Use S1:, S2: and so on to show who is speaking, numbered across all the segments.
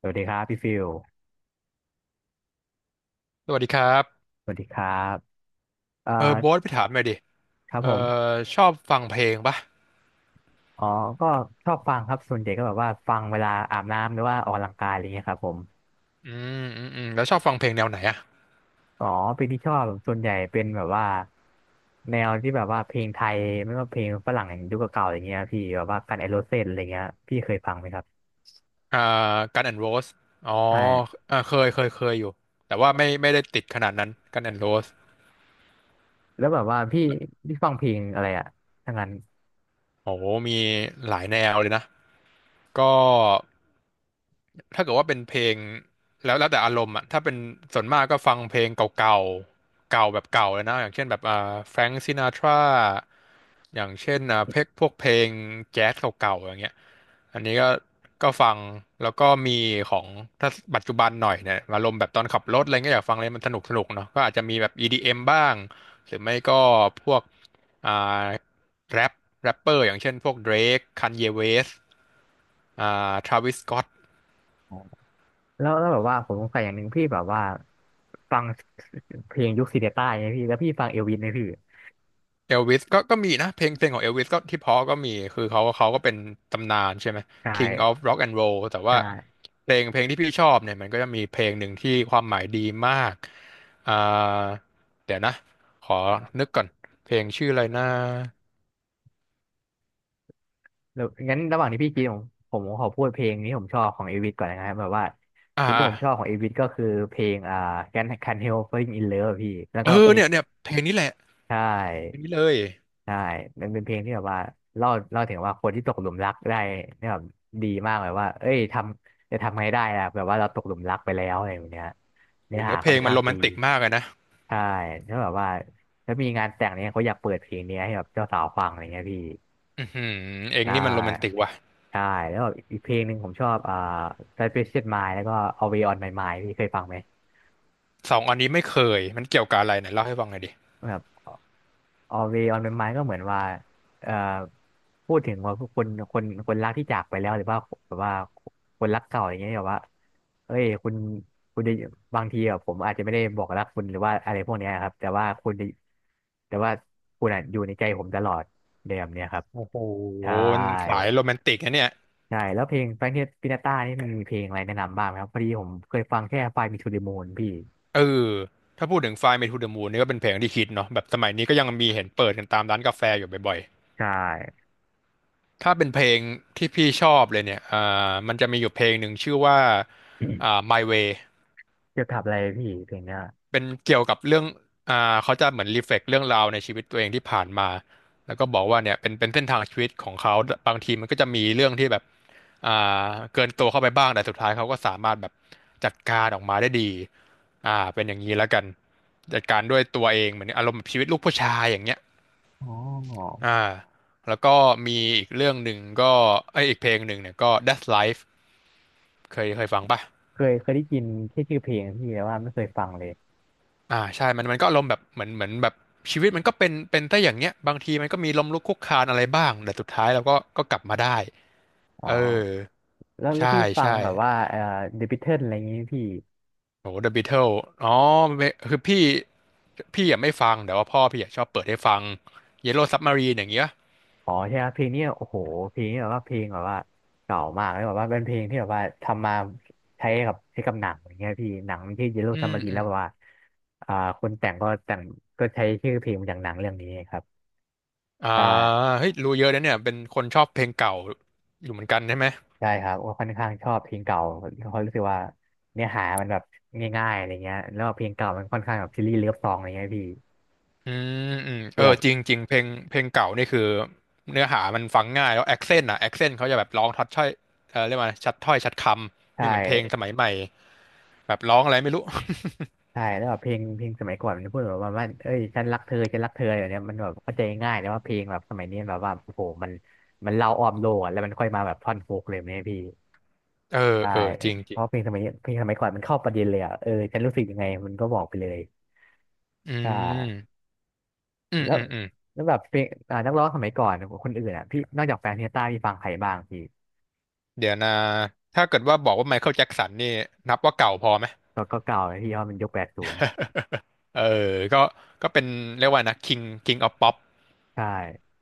S1: สวัสดีครับพี่ฟิล
S2: สวัสดีครับ
S1: สวัสดีครับเอ่อ
S2: เออโบ๊ทไปถามหน่อยดิ
S1: ครับ
S2: เออ
S1: ผม
S2: ชอบฟังเพลงปะ
S1: อ๋อก็ชอบฟังครับส่วนใหญ่ก็แบบว่าฟังเวลาอาบน้ำหรือว่าออกกำลังกายอะไรเงี้ยครับผม
S2: อืแล้วชอบฟังเพลงแนวไหนอ่ะ
S1: อ๋อเพลงที่ชอบส่วนใหญ่เป็นแบบว่าแนวที่แบบว่าเพลงไทยไม่ว่าเพลงฝรั่งยุคเก่าๆอย่างเงี้ยพี่แบบว่ากันไอโรเซนอะไรเงี้ยพี่เคยฟังไหมครับ
S2: อ่ากันแอนด์โรสอ๋อ
S1: ใช่
S2: เออเคย เคยอยู่ แต่ว่าไม่ ไม่ได้ติดขนาดนั้น กันแอนด์โรส
S1: แล้วแบบว่าพี่ฟังเพลงอะไรอะทั้งนั้น
S2: โอ้โหมีหลายแนวเลยนะ ก็ ถ้าเกิดว่าเป็นเพลงแล้วแต่อารมณ์อ่ะถ้าเป็นส่วนมากก็ฟังเพลงเก่าๆเก่าแบบเก่าเลยนะอย่างเช่นแบบแฟรงซินาทราอย่างเช่นเพลงพวกเพลงแจ๊สเก่าๆอย่างเงี้ยอันนี้ก็ฟังแล้วก็มีของถ้าปัจจุบันหน่อยเนี่ยอารมณ์แบบตอนขับรถอะไรเงี้ยอยากฟังอะไรมันสนุกสนุกเนาะก็อาจจะมีแบบ EDM บ้างหรือไม่ก็พวกอ่าแรปเปอร์อย่างเช่นพวก Drake Kanye West Travis Scott
S1: อ๋อแล้วแบบว่าผมสงสัยอย่างหนึ่งพี่แบบว่าฟังเพลงยุคซีเดต้าไงพี่แล้วพี่ฟังเอลวิสไหมพี่
S2: เอลวิสก็มีนะเพลงของเอลวิสก็ที่เพอก็มีคือเขาก็เป็นตำนานใช่ไหม
S1: ใช
S2: King of
S1: ่
S2: Rock and Roll แต่ว่า
S1: ใช่
S2: เพลงที่พี่ชอบเนี่ยมันก็จะมีเพลงหนึ่งที่ความหมายดีมากอ่าเดี๋ยวนะขอนึกก่อนเพลงชื่ออะไรนะ
S1: แล้วงั้นระหว่างที่พี่กินผมขอพูดเพลงนี้ผมชอบของเอวิสก่อนนะครับแบบว่า
S2: อ่า
S1: เพลงที่
S2: อ่า
S1: ผมชอบของเอวิสก็คือเพลงCan't Help Falling in Love อะพี่แล้ว
S2: เออ
S1: ก็เอ้เพย
S2: เนี่ย
S1: ลง
S2: เพลงนี้แหละ
S1: ใช
S2: เพลง
S1: ่
S2: นี้เลย
S1: ใช่มันเป็นเพลงที่แบบว่าเล่าถึงว่าคนที่ตกหลุมรักได้เนี่ยแบบดีมากแบบว่าเอ้ยจะทำไงได้ล่ะแบบว่าเราตกหลุมรักไปแล้วอะไรอย่างเงี้ย
S2: โห
S1: เนื้อ
S2: เนื้
S1: หา
S2: อเพ
S1: ค่อ
S2: ล
S1: นเพ
S2: ง
S1: ลง
S2: มัน
S1: ข้าง
S2: โร
S1: ต
S2: แม
S1: ดี
S2: น
S1: รง
S2: ติกมาก
S1: ก
S2: เลยนะ
S1: นใช่แล้วแบบว่าถ้ามีงานแต่งเนี่ยเขาอยากเปิดเพลงนี้ให้แบบเจ้าสาวฟังอะไรเงี้ยพี่
S2: อือหือเอง
S1: ใช่
S2: นี่มันโรแมนติกว่ะ
S1: ใช่แล้วแบบอีกเพลงหนึ่งผมชอบSuspicious Mind แล้วก็ Always on My Mind พี่เคยฟังไหม
S2: สองอันนี้ไม่เคยมันเกี่ยวกับอะไรไหนเล่าให้ฟังหน่อยดิ
S1: แบบ Always on My Mind ก็เหมือนว่าเอ่อพูดถึงว่าคนรักที่จากไปแล้วหรือว่าแบบว่าคนรักเก่าอย่างเงี้ยแบบว่าเอ้ยคุณจะบางทีแบบผมอาจจะไม่ได้บอกรักคุณหรือว่าอะไรพวกเนี้ยครับแต่ว่าคุณจะแต่ว่าคุณอะอยู่ในใจผมตลอดในแบบเนี้ยครับ
S2: โอ้โห
S1: ใช่
S2: มันสายโรแมนติกนะเนี่ย
S1: ใช่แล้วเพลงแฟรงค์ปินาต้านี่มันมีเพลงอะไรแนะนำบ้างไหมครับพอดีผมเคยฟังแค่ไฟมีทูเด m มูนพี่
S2: เออถ้าพูดถึง Fly Me to the Moon นี่ก็เป็นเพลงที่คิดเนาะแบบสมัยนี้ก็ยังมีเห็นเปิดกันตามร้านกาแฟอยู่บ่อย
S1: ใช่
S2: ๆถ้าเป็นเพลงที่พี่ชอบเลยเนี่ยมันจะมีอยู่เพลงหนึ่งชื่อว่าMy Way
S1: จะทบอะไรพี่เพลงเนี้ย
S2: เป็นเกี่ยวกับเรื่องเขาจะเหมือนรีเฟล็กเรื่องราวในชีวิตตัวเองที่ผ่านมาแล้วก็บอกว่าเนี่ยเป็นเส้นทางชีวิตของเขาบางทีมันก็จะมีเรื่องที่แบบอ่าเกินตัวเข้าไปบ้าง แต่สุดท้ายเขาก็สามารถแบบจัดการออกมาได้ดีเป็นอย่างนี้แล้วกันจัดการด้วยตัวเองเหมือนอารมณ์แบบชีวิตลูกผู้ชายอย่างเงี้ย
S1: อ๋อ
S2: อ่าแล้วก็มีอีกเรื่องหนึ่งก็เอยอีกเพลงหนึ่งเนี่ยก็ That's Life เคยฟังป่ะ
S1: เคยได้ยินแค่ชื่อเพลงพี่แต่ว่าไม่เคยฟังเลย
S2: ใช่มันก็อารมณ์แบบเหมือนแบบชีวิตมันก็เป็นแต่อย่างเงี้ยบางทีมันก็มีล้มลุกคลุกคลานอะไรบ้างแต่สุดท้ายเราก็กลับมาได้
S1: อ๋อ
S2: เออ
S1: แล้ว
S2: ใช่
S1: พี่ฟัง
S2: ใช่
S1: แบบว่าเดอะบิทเทิลอะไรอย่างงี้พี่
S2: โอ้ The Beatles อ๋อไม่คือพี่อ่ะไม่ฟังแต่ว่าพ่อพี่อ่ะชอบเปิดให้ฟัง Yellow Submarine อย่างเงี้ย
S1: อ๋อใช่ครับเพลงเนี้ยโอ้โหเพลงนี้แบบว่าเพลงแบบว่าเก่ามากเลยแบบว่าเป็นเพลงที่แบบว่าทำมาใช้กับหนังอย่างเงี้ยพี่หนังมันชื่อเยลโล
S2: อื
S1: ซัม
S2: ม
S1: มารีน
S2: อื
S1: แล้
S2: ม
S1: วแบบว่าอ่าคนแต่งก็แต่งก็ใช้ชื่อเพลงมาจากหนังเรื่องนี้ครับ
S2: อ่า
S1: ใช่
S2: เฮ้ยรู้เยอะนะเนี่ยเป็นคนชอบเพลงเก่าอยู่เหมือนกันใช่ไหม
S1: ใช่ครับว่าค่อนข้างชอบเพลงเก่าเพราะรู้สึกว่าเนื้อหามันแบบง่ายๆอะไรเงี้ยแล้วเพลงเก่ามันค่อนข้างแบบซีรีส์เลิฟซองอะไรเงี้ยพี่
S2: อืมอืม
S1: คื
S2: เอ
S1: อ
S2: อ
S1: แบบ
S2: จริงจริงเพลงเก่านี่คือเนื้อหามันฟังง่ายแล้วแอคเซนต์อ่ะแอคเซนต์เขาจะแบบร้องทัดถ้อยเออเรียกว่าชัดถ้อยชัดคำ
S1: ใช่
S2: ไม่เหมือนเพลงสมัยใหม่แบบร้องอะไรไม่รู้
S1: ใช่แล้วแบบเพลงเพลงสมัยก่อนมันพูดแบบว่าว่าเอ้ยฉันรักเธอฉันรักเธออะไรแบบเนี้ยมันแบบเข้าใจง่ายแต่ว่าเพลงแบบสมัยนี้แบบว่าโอ้โหมันเล่าอ้อมโลกอะแล้วมันค่อยมาแบบท่อนฮุกเลยแบบเนี่ยพี่
S2: เออ
S1: ใช่
S2: เออจริงจ
S1: เพ
S2: ริง
S1: ราะเพลงสมัยนี้เพลงสมัยก่อนมันเข้าประเด็นเลยอ่ะเออฉันรู้สึกยังไงมันก็บอกไปเลย
S2: อื
S1: ใช่
S2: มอืม
S1: แล้ว
S2: อืมอืม
S1: แล้วแบบเพลงอ่านักร้องสมัยก่อนคนอื่นอ่ะพี่นอกจากแฟนเฮต้าพี่ฟังใครบ้างพี่
S2: เดี๋ยวนะถ้าเกิดว่าบอกว่าไมเคิลแจ็คสันนี่นับว่าเก่าพอไหม
S1: ก็ก็เก่าเลยพี่เพราะมันยุค80
S2: เออก็เป็นเรียกว่านะ King of Pop
S1: ใช่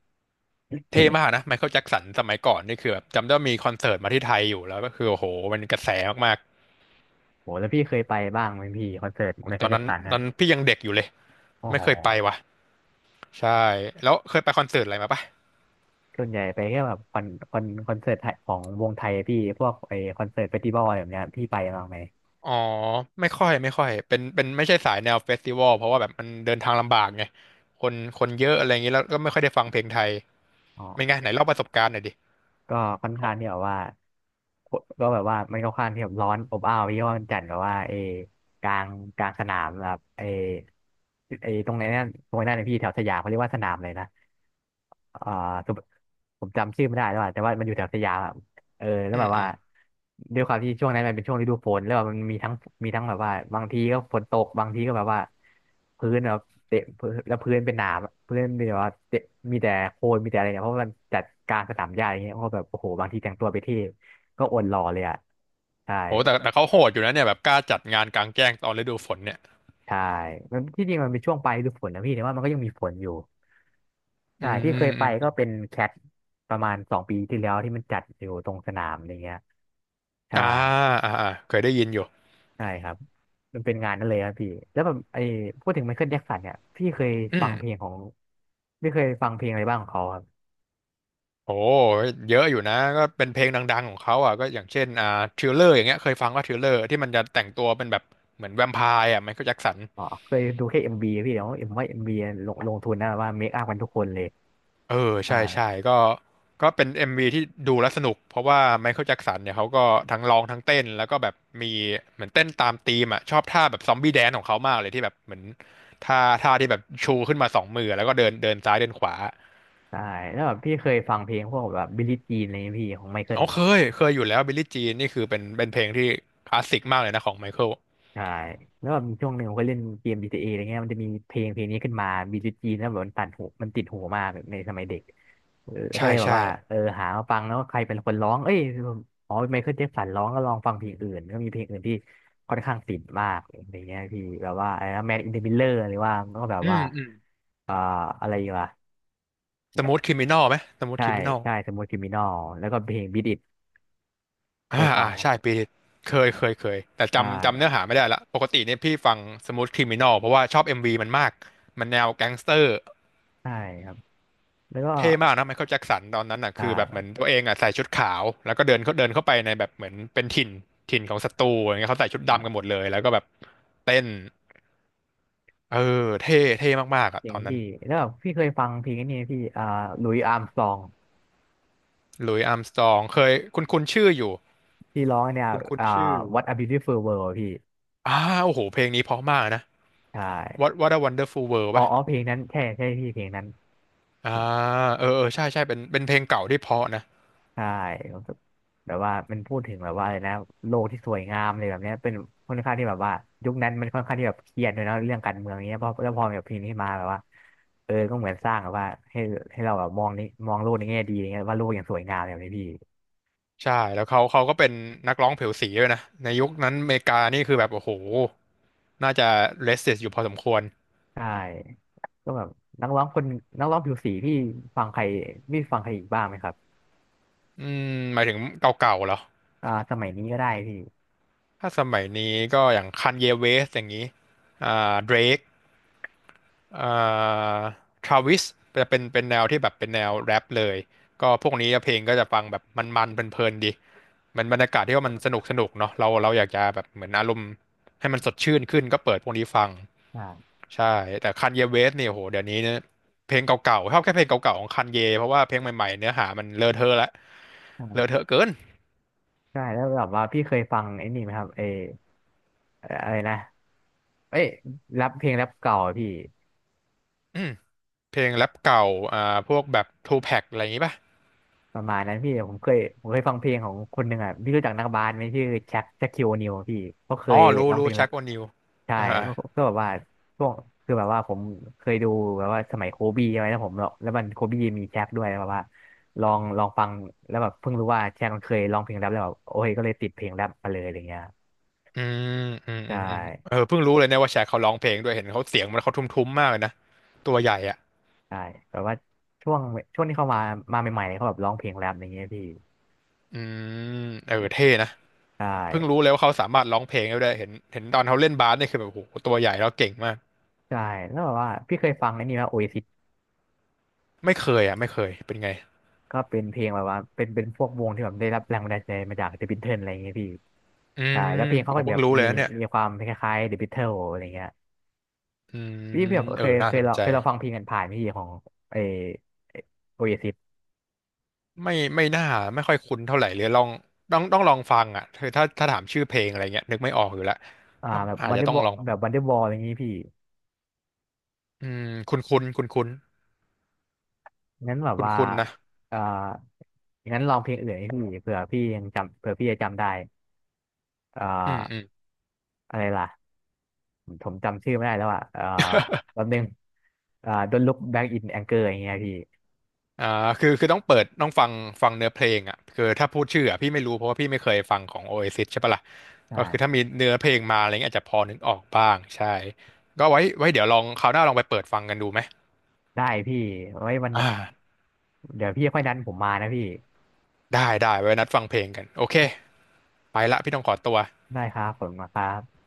S2: เท่มากนะไมเคิลแจ็คสันสมัยก่อนนี่คือแบบจำได้ว่ามีคอนเสิร์ตมาที่ไทยอยู่แล้วก็คือโอ้โหมันกระแสมาก
S1: โหแล้วพี่เคยไปบ้างไหมพี่คอนเสิร์ต
S2: โอ้
S1: ไม
S2: ต
S1: เคิล
S2: อน
S1: แจ็ค
S2: นั้น
S1: สันอ่ะ
S2: พี่ยังเด็กอยู่เลย
S1: โอ้
S2: ไม่
S1: โห
S2: เคยไปว่ะใช่แล้วเคยไปคอนเสิร์ตอะไรมาปะ
S1: ส่วนใหญ่ไปแค่แบบคอนเสิร์ตไทยของวงไทยพี่พวกไอคอนเสิร์ตเฟสติวัลอะไรแบบเนี้ยพี่ไปบ้างไหม
S2: อ๋อไม่ค่อยเป็นไม่ใช่สายแนวเฟสติวัลเพราะว่าแบบมันเดินทางลำบากไงคนเยอะอะไรอย่างนี้แล้วก็ไม่ค่อยได้ฟังเพลงไทย
S1: อ๋อ
S2: เป็นไงไหนเล่าประสบการณ์หน่อยดิ
S1: ก็ค่อน
S2: ข
S1: ข้า
S2: อง
S1: งที่แบบว่าก็แบบว่ามันก็ค่อนข้างที่แบบร้อนอบอ้าวเพราะว่ามันจัดแบบว่าเออกลางกลางสนามแบบเอเอตรงไหนนั่นนะพี่แถวสยามเขาเรียกว่าสนามเลยนะ อ่าสุผมจำชื่อไม่ได้แล้วอะแต่ว่ามันอยู่แถวสยามอะเออแล้ว
S2: อื
S1: แบ
S2: ม
S1: บ
S2: อื
S1: ว่า
S2: ม
S1: ด้วยความที่ช่วงนั้นมันเป็นช่วงฤดูฝนแล้วแบบมันมีทั้งแบบว่าบางทีก็ฝนตกบางทีก็แบบว่าพื้นแบบเตะพื้นแล้วพื้นเป็นหนามอะพื้นมีแบบว่าเตะมีแต่โคลนมีแต่อะไรเนี่ยเพราะว่ามันจัดการสนามหญ้าอย่างเงี้ยเพราะแบบโอ้โหบางทีแต่งตัวไปเที่ก็อดหล่อเลยอ่ะใช่
S2: โหแต่เขาโหดอยู่นะเนี่ยแบบกล้าจัดงานกลางแจ้งตอนฤดูฝนเนี่ย
S1: ใช่มันที่จริงมันเป็นช่วงปลายฤดูฝนนะพี่แต่ว่ามันก็ยังมีฝนอยู่
S2: อื
S1: ใช่
S2: ม
S1: ที่
S2: อื
S1: เค
S2: ม
S1: ย
S2: อ
S1: ไปก็
S2: ม
S1: เป็นแคทประมาณสองปีที่แล้วที่มันจัดอยู่ตรงสนามอะไรเงี้ยใช่
S2: อ่าอ่าเคยได้ยินอยู่
S1: ใช่ครับมันเป็นงานนั่นเลยครับพี่แล้วแบบไอ้พูดถึงไมเคิลแจ็คสันเนี่ยพี่เคย
S2: อื
S1: ฟั
S2: ม
S1: งเพลงของพี่เคยฟังเพลงอะไรบ้างของเขาครับ
S2: โอ้เยอะอยู่นะก็เป็นเพลงดังๆของเขาอ่ะก็อย่างเช่นทริลเลอร์อย่างเงี้ยเคยฟังว่าทริลเลอร์ที่มันจะแต่งตัวเป็นแบบเหมือนแวมไพร์อ่ะไมเคิลแจ็คสัน
S1: อ๋อเคยดูแค่เอ็มบีพี่เดี๋ยวเอ็มว่าเอ็มบีลงทุนนะแบบว่าเมคอัพกันทุกคนเลย
S2: เออ
S1: ใช่า
S2: ใช่ใช่ก็เป็น MV ที่ดูแล้วสนุกเพราะว่าไมเคิลแจ็คสันเนี่ยเขาก็ทั้งร้องทั้งเต้นแล้วก็แบบมีเหมือนเต้นตามธีมอ่ะชอบท่าแบบซอมบี้แดนของเขามากเลยที่แบบเหมือนท่าที่แบบชูขึ้นมาสองมือแล้วก็เดินเดินซ้ายเดินขวา
S1: ใช่แล้วแบบพี่เคยฟังเพลงพวกแบบบิลลี่จีนอะไรเงี้ยพี่ของไมเคิล
S2: อ๋อเคยอยู่แล้วบิลลี่จีนนี่คือเป็นเพลงที่คลาสสิกมากเลยนะของไมเคิล
S1: ใช่แล้วแบบมีช่วงหนึ่งผมก็เล่นเกม GTA ออะไรเงี้ยมันจะมีเพลงเพลงนี้ขึ้นมา b จ g จีแล้วแบบมันตัดหูมันติดหูมากในสมัยเด็กเออแล้วก็
S2: ใช่
S1: เลยแบบ
S2: ใช่
S1: ว่าเออหามาฟังแล้วใครเป็นคนร้องเอ้ยอ๋อไมเคิลแจ็คสันร้องก็ลองฟังเพลงอื่นก็มีเพลงอื่นที่ค่อนข้างติดมากอะไรเงี้ยพี่แบบว่าอะไรนะแมนอินเดอะมิลเลอร์หรือว่าก็แบบ
S2: อื
S1: ว่า
S2: มอืม
S1: เอ่ออะไรวะ
S2: สมูทคริมินอลไหมสมูท
S1: ใช่
S2: คริมินอล
S1: ใช่สมูทคริมินอลแล้วก็เพลงบีทอิทเค
S2: อ่า
S1: ยฟัง
S2: อ่า
S1: ครั
S2: ใช่
S1: บ
S2: ปีเคยแต่
S1: ใช่
S2: จำเนื้อหาไม่ได้ละปกติเนี่ยพี่ฟังสมูทคริมินอลเพราะว่าชอบเอ็มวีมันมากมันแนวแก๊งสเตอร์
S1: ใช่ครับแล้วก็
S2: เท่มากนะไมเคิลแจ็คสันตอนนั้นอ่ะ
S1: ใช่
S2: คือแบบเหมือนตัวเองอ่ะใส่ชุดขาวแล้วก็เดินเขาเดินเข้าไปในแบบเหมือนเป็นถิ่นถิ่นของศัตรูอย่างเงี้ยเขาใส่ชุดดำกันหมดเลยแล้วก็แบบเต้นเออเท่เท่มากๆอ่ะ
S1: เจ๋
S2: ต
S1: ง
S2: อนนั้น
S1: พี่แล้วแบบพี่เคยฟังเพลงนี้ไหมพี่อ่าหลุยส์อาร์มสตรอง
S2: หลุยส์อาร์มสตรองเคยคุณชื่ออยู่
S1: ที่ร้องเนี่ย
S2: คุณ
S1: อ่า
S2: ชื่อ
S1: What a Beautiful World อะพี่
S2: อ่าโอ้โหเพลงนี้เพราะมากนะ
S1: ใช่
S2: What a Wonderful World
S1: อ๋อ
S2: ปะ
S1: อ๋อเพลงนั้นใช่ใช่พี่เพลงนั้น
S2: อ่าเออเออใช่ใช่เป็นเพลงเก่าที่เพราะนะ
S1: ใช่ผมแบบว่ามันพูดถึงแบบว่าอะไรนะโลกที่สวยงามเลยแบบเนี้ยเป็นค่อนข้างที่แบบว่ายุคนั้นมันค่อนข้างที่แบบเครียดเลยเนาะเรื่องการเมืองเนี้ยพอแล้วพอแบบเพลงนี้มาแบบว่าเออก็เหมือนสร้างแบบว่าให้ให้เราแบบมองนี้มองโลกในแง่ดีอะไรเงี้ยว่าโลกยังสวยงามแบบนี้พี่
S2: ใช่แล้วเขาก็เป็นนักร้องผิวสีด้วยนะในยุคนั้นอเมริกานี่คือแบบโอ้โหน่าจะเลสเซสอยู่พอสมควร
S1: ใช่ก็แบบนักร้องคนนักร้องผิวสีพี่ฟังใครพี่ฟังใครอีกบ้างไหมครับ
S2: อืมหมายถึงเก่าๆเหรอ
S1: อ่าสมัยนี้ก็ได้พี่
S2: ถ้าสมัยนี้ก็อย่างคันเยเวสอย่างนี้อ่าเดรกอ่าทราวิสจะเป็นแนวที่แบบเป็นแนวแรปเลยก็พวกนี้เพลงก็จะฟังแบบมันๆเพลินๆดีมันบรรยากาศที่ว่ามันสนุกสนุกเนาะเราอยากจะแบบเหมือนอารมณ์ให้มันสดชื่นขึ้นก็เปิดพวกนี้ฟัง
S1: ใช่
S2: ใช่แต่คันเยเวสเนี่ยโหเดี๋ยวนี้เนี่ยเพลงเก่าๆชอบแค่เพลงเก่าๆของคันเยเพราะว่าเพลงใหม่ๆเนื้อหามันเลอะเทอะละเลอะ
S1: ใช่
S2: เทอะเกิน
S1: ใช่แล้วแบบว่าพี่เคยฟังไอ้นี่ไหมครับเอออะไรนะเอ้ยแรปเพลงแรปเก่าอะพี่
S2: อืมเพลงแรปเก่าอ่าพวกแบบทูแพ็กอะไรอย่างงี้ป่ะ
S1: ประมาณนั้นพี่ผมเคยฟังเพลงของคนหนึ่งอ่ะพี่รู้จักนักบาสไหมชื่อแจ็คคิวนิวพี่เขาเค
S2: อ๋อ
S1: ย
S2: รู้
S1: ร้องเพ
S2: รู้
S1: ลง
S2: ชั
S1: แล้ว
S2: กโอนิว
S1: ใช่
S2: อ่า
S1: ก็แบบว่าช่วงคือแบบว่าผมเคยดูแบบว่าสมัยโคบีใช่ไหมแล้วผมแล้วมันโคบีมีแจ็คด้วยแล้วแบบว่าลองฟังแล้วแบบเพิ่งรู้ว่าแจ็คมันเคยร้องเพลงแรปแล้วแบบโอ้ยก็เลยติดเพลงแรปมาเลยอะไรเงี้ย
S2: อืมอืมอื
S1: ใช่
S2: มอืมเออเพิ่งรู้เลยเนี่ยว่าแชกเขาร้องเพลงด้วยเห็นเขาเสียงมันเขาทุ้มๆมากเลยนะตัวใหญ่อ่ะ
S1: ใช่แบบว่าช่วงช่วงที่เขามามาใหม่ๆเขาแบบร้องเพลงแรปอะไรเงี้ยพี่
S2: อืมเออเท่นะ
S1: ใช่
S2: เพิ่งรู้เลยว่าเขาสามารถร้องเพลงได้ด้วยเห็นตอนเขาเล่นบาสเนี่ยคือแบบโหตัวใหญ่แล้วเก่งมาก
S1: ใช่แล้วแบบว่าพี่เคยฟังไอ้นี่ไหมโอเอซิ
S2: ไม่เคยอ่ะไม่เคยเป็นไง
S1: ก็เป็นเพลงแบบว่าเป็นพวกวงที่แบบได้รับแรงบันดาลใจมาจากเดอะบิทเทิลอะไรอย่างเงี้ยพี่
S2: อื
S1: ใช่
S2: ม
S1: แล้วเพลงเขา
S2: ผ
S1: ก็
S2: มเพิ่
S1: แบ
S2: ง
S1: บ
S2: รู้เล
S1: มี
S2: ยนะเนี่ย
S1: มีความคล้ายๆเดอะบิทเทิลอะไรเงี้ย
S2: อืม
S1: พี่แบบ
S2: เอ
S1: เค
S2: อ
S1: ย
S2: น่า
S1: เคย
S2: สน
S1: เรา
S2: ใจ
S1: เคยเราฟังเพลงกันผ่านพี่ของไอโอเอซิส
S2: ไม่น่าไม่ค่อยคุ้นเท่าไหร่เลยลองต้องลองฟังอ่ะคือถ้าถามชื่อเพลงอะไรเงี้ยนึกไม่ออกอยู่แล้ว
S1: อ่า
S2: ต้อง
S1: แบบ
S2: อาจ
S1: วัน
S2: จะ
S1: เดอร์
S2: ต้อ
S1: บ
S2: ง
S1: อ
S2: ลอง
S1: แบบวันเดอร์บอลอะไรอย่างงี้พี่
S2: อืมคุ้นคุ้นคุ้นคุ้น
S1: งั้นแบบ
S2: คุ้น
S1: ว่า
S2: คุ้นๆนะ
S1: เอ่างั้นลองเพลงอื่นให้พี่เผื่อพี่ยังจำเผื่อพี่จะจำได้เอ่า
S2: อืมอืม
S1: อะไรล่ะผมจำชื่อไม่ได้แล้วอ่ะแป๊บนึงเอ่า Don't Look Back in Anger อย่างเงี้ยพี่
S2: อ่าคือต้องเปิดต้องฟังฟังเนื้อเพลงอ่ะคือถ้าพูดชื่ออ่ะพี่ไม่รู้เพราะว่าพี่ไม่เคยฟังของ Oasis ใช่ปะล่ะก็คือถ้า
S1: ใช่
S2: มีเนื้อเพลงมาอะไรเงี้ยอาจจะพอนึกออกบ้างใช่ก็ไว้เดี๋ยวลองคราวหน้าลองไปเปิดฟังกันดูไหม
S1: ได้พี่ไว้วัน
S2: อ่า
S1: เดี๋ยวพี่ค่อยนัดผมมานะพี่
S2: ได้ไว้นัดฟังเพลงกันโอเค ไปละพี่ต้องขอตัว
S1: ได้ครับผมมาครับ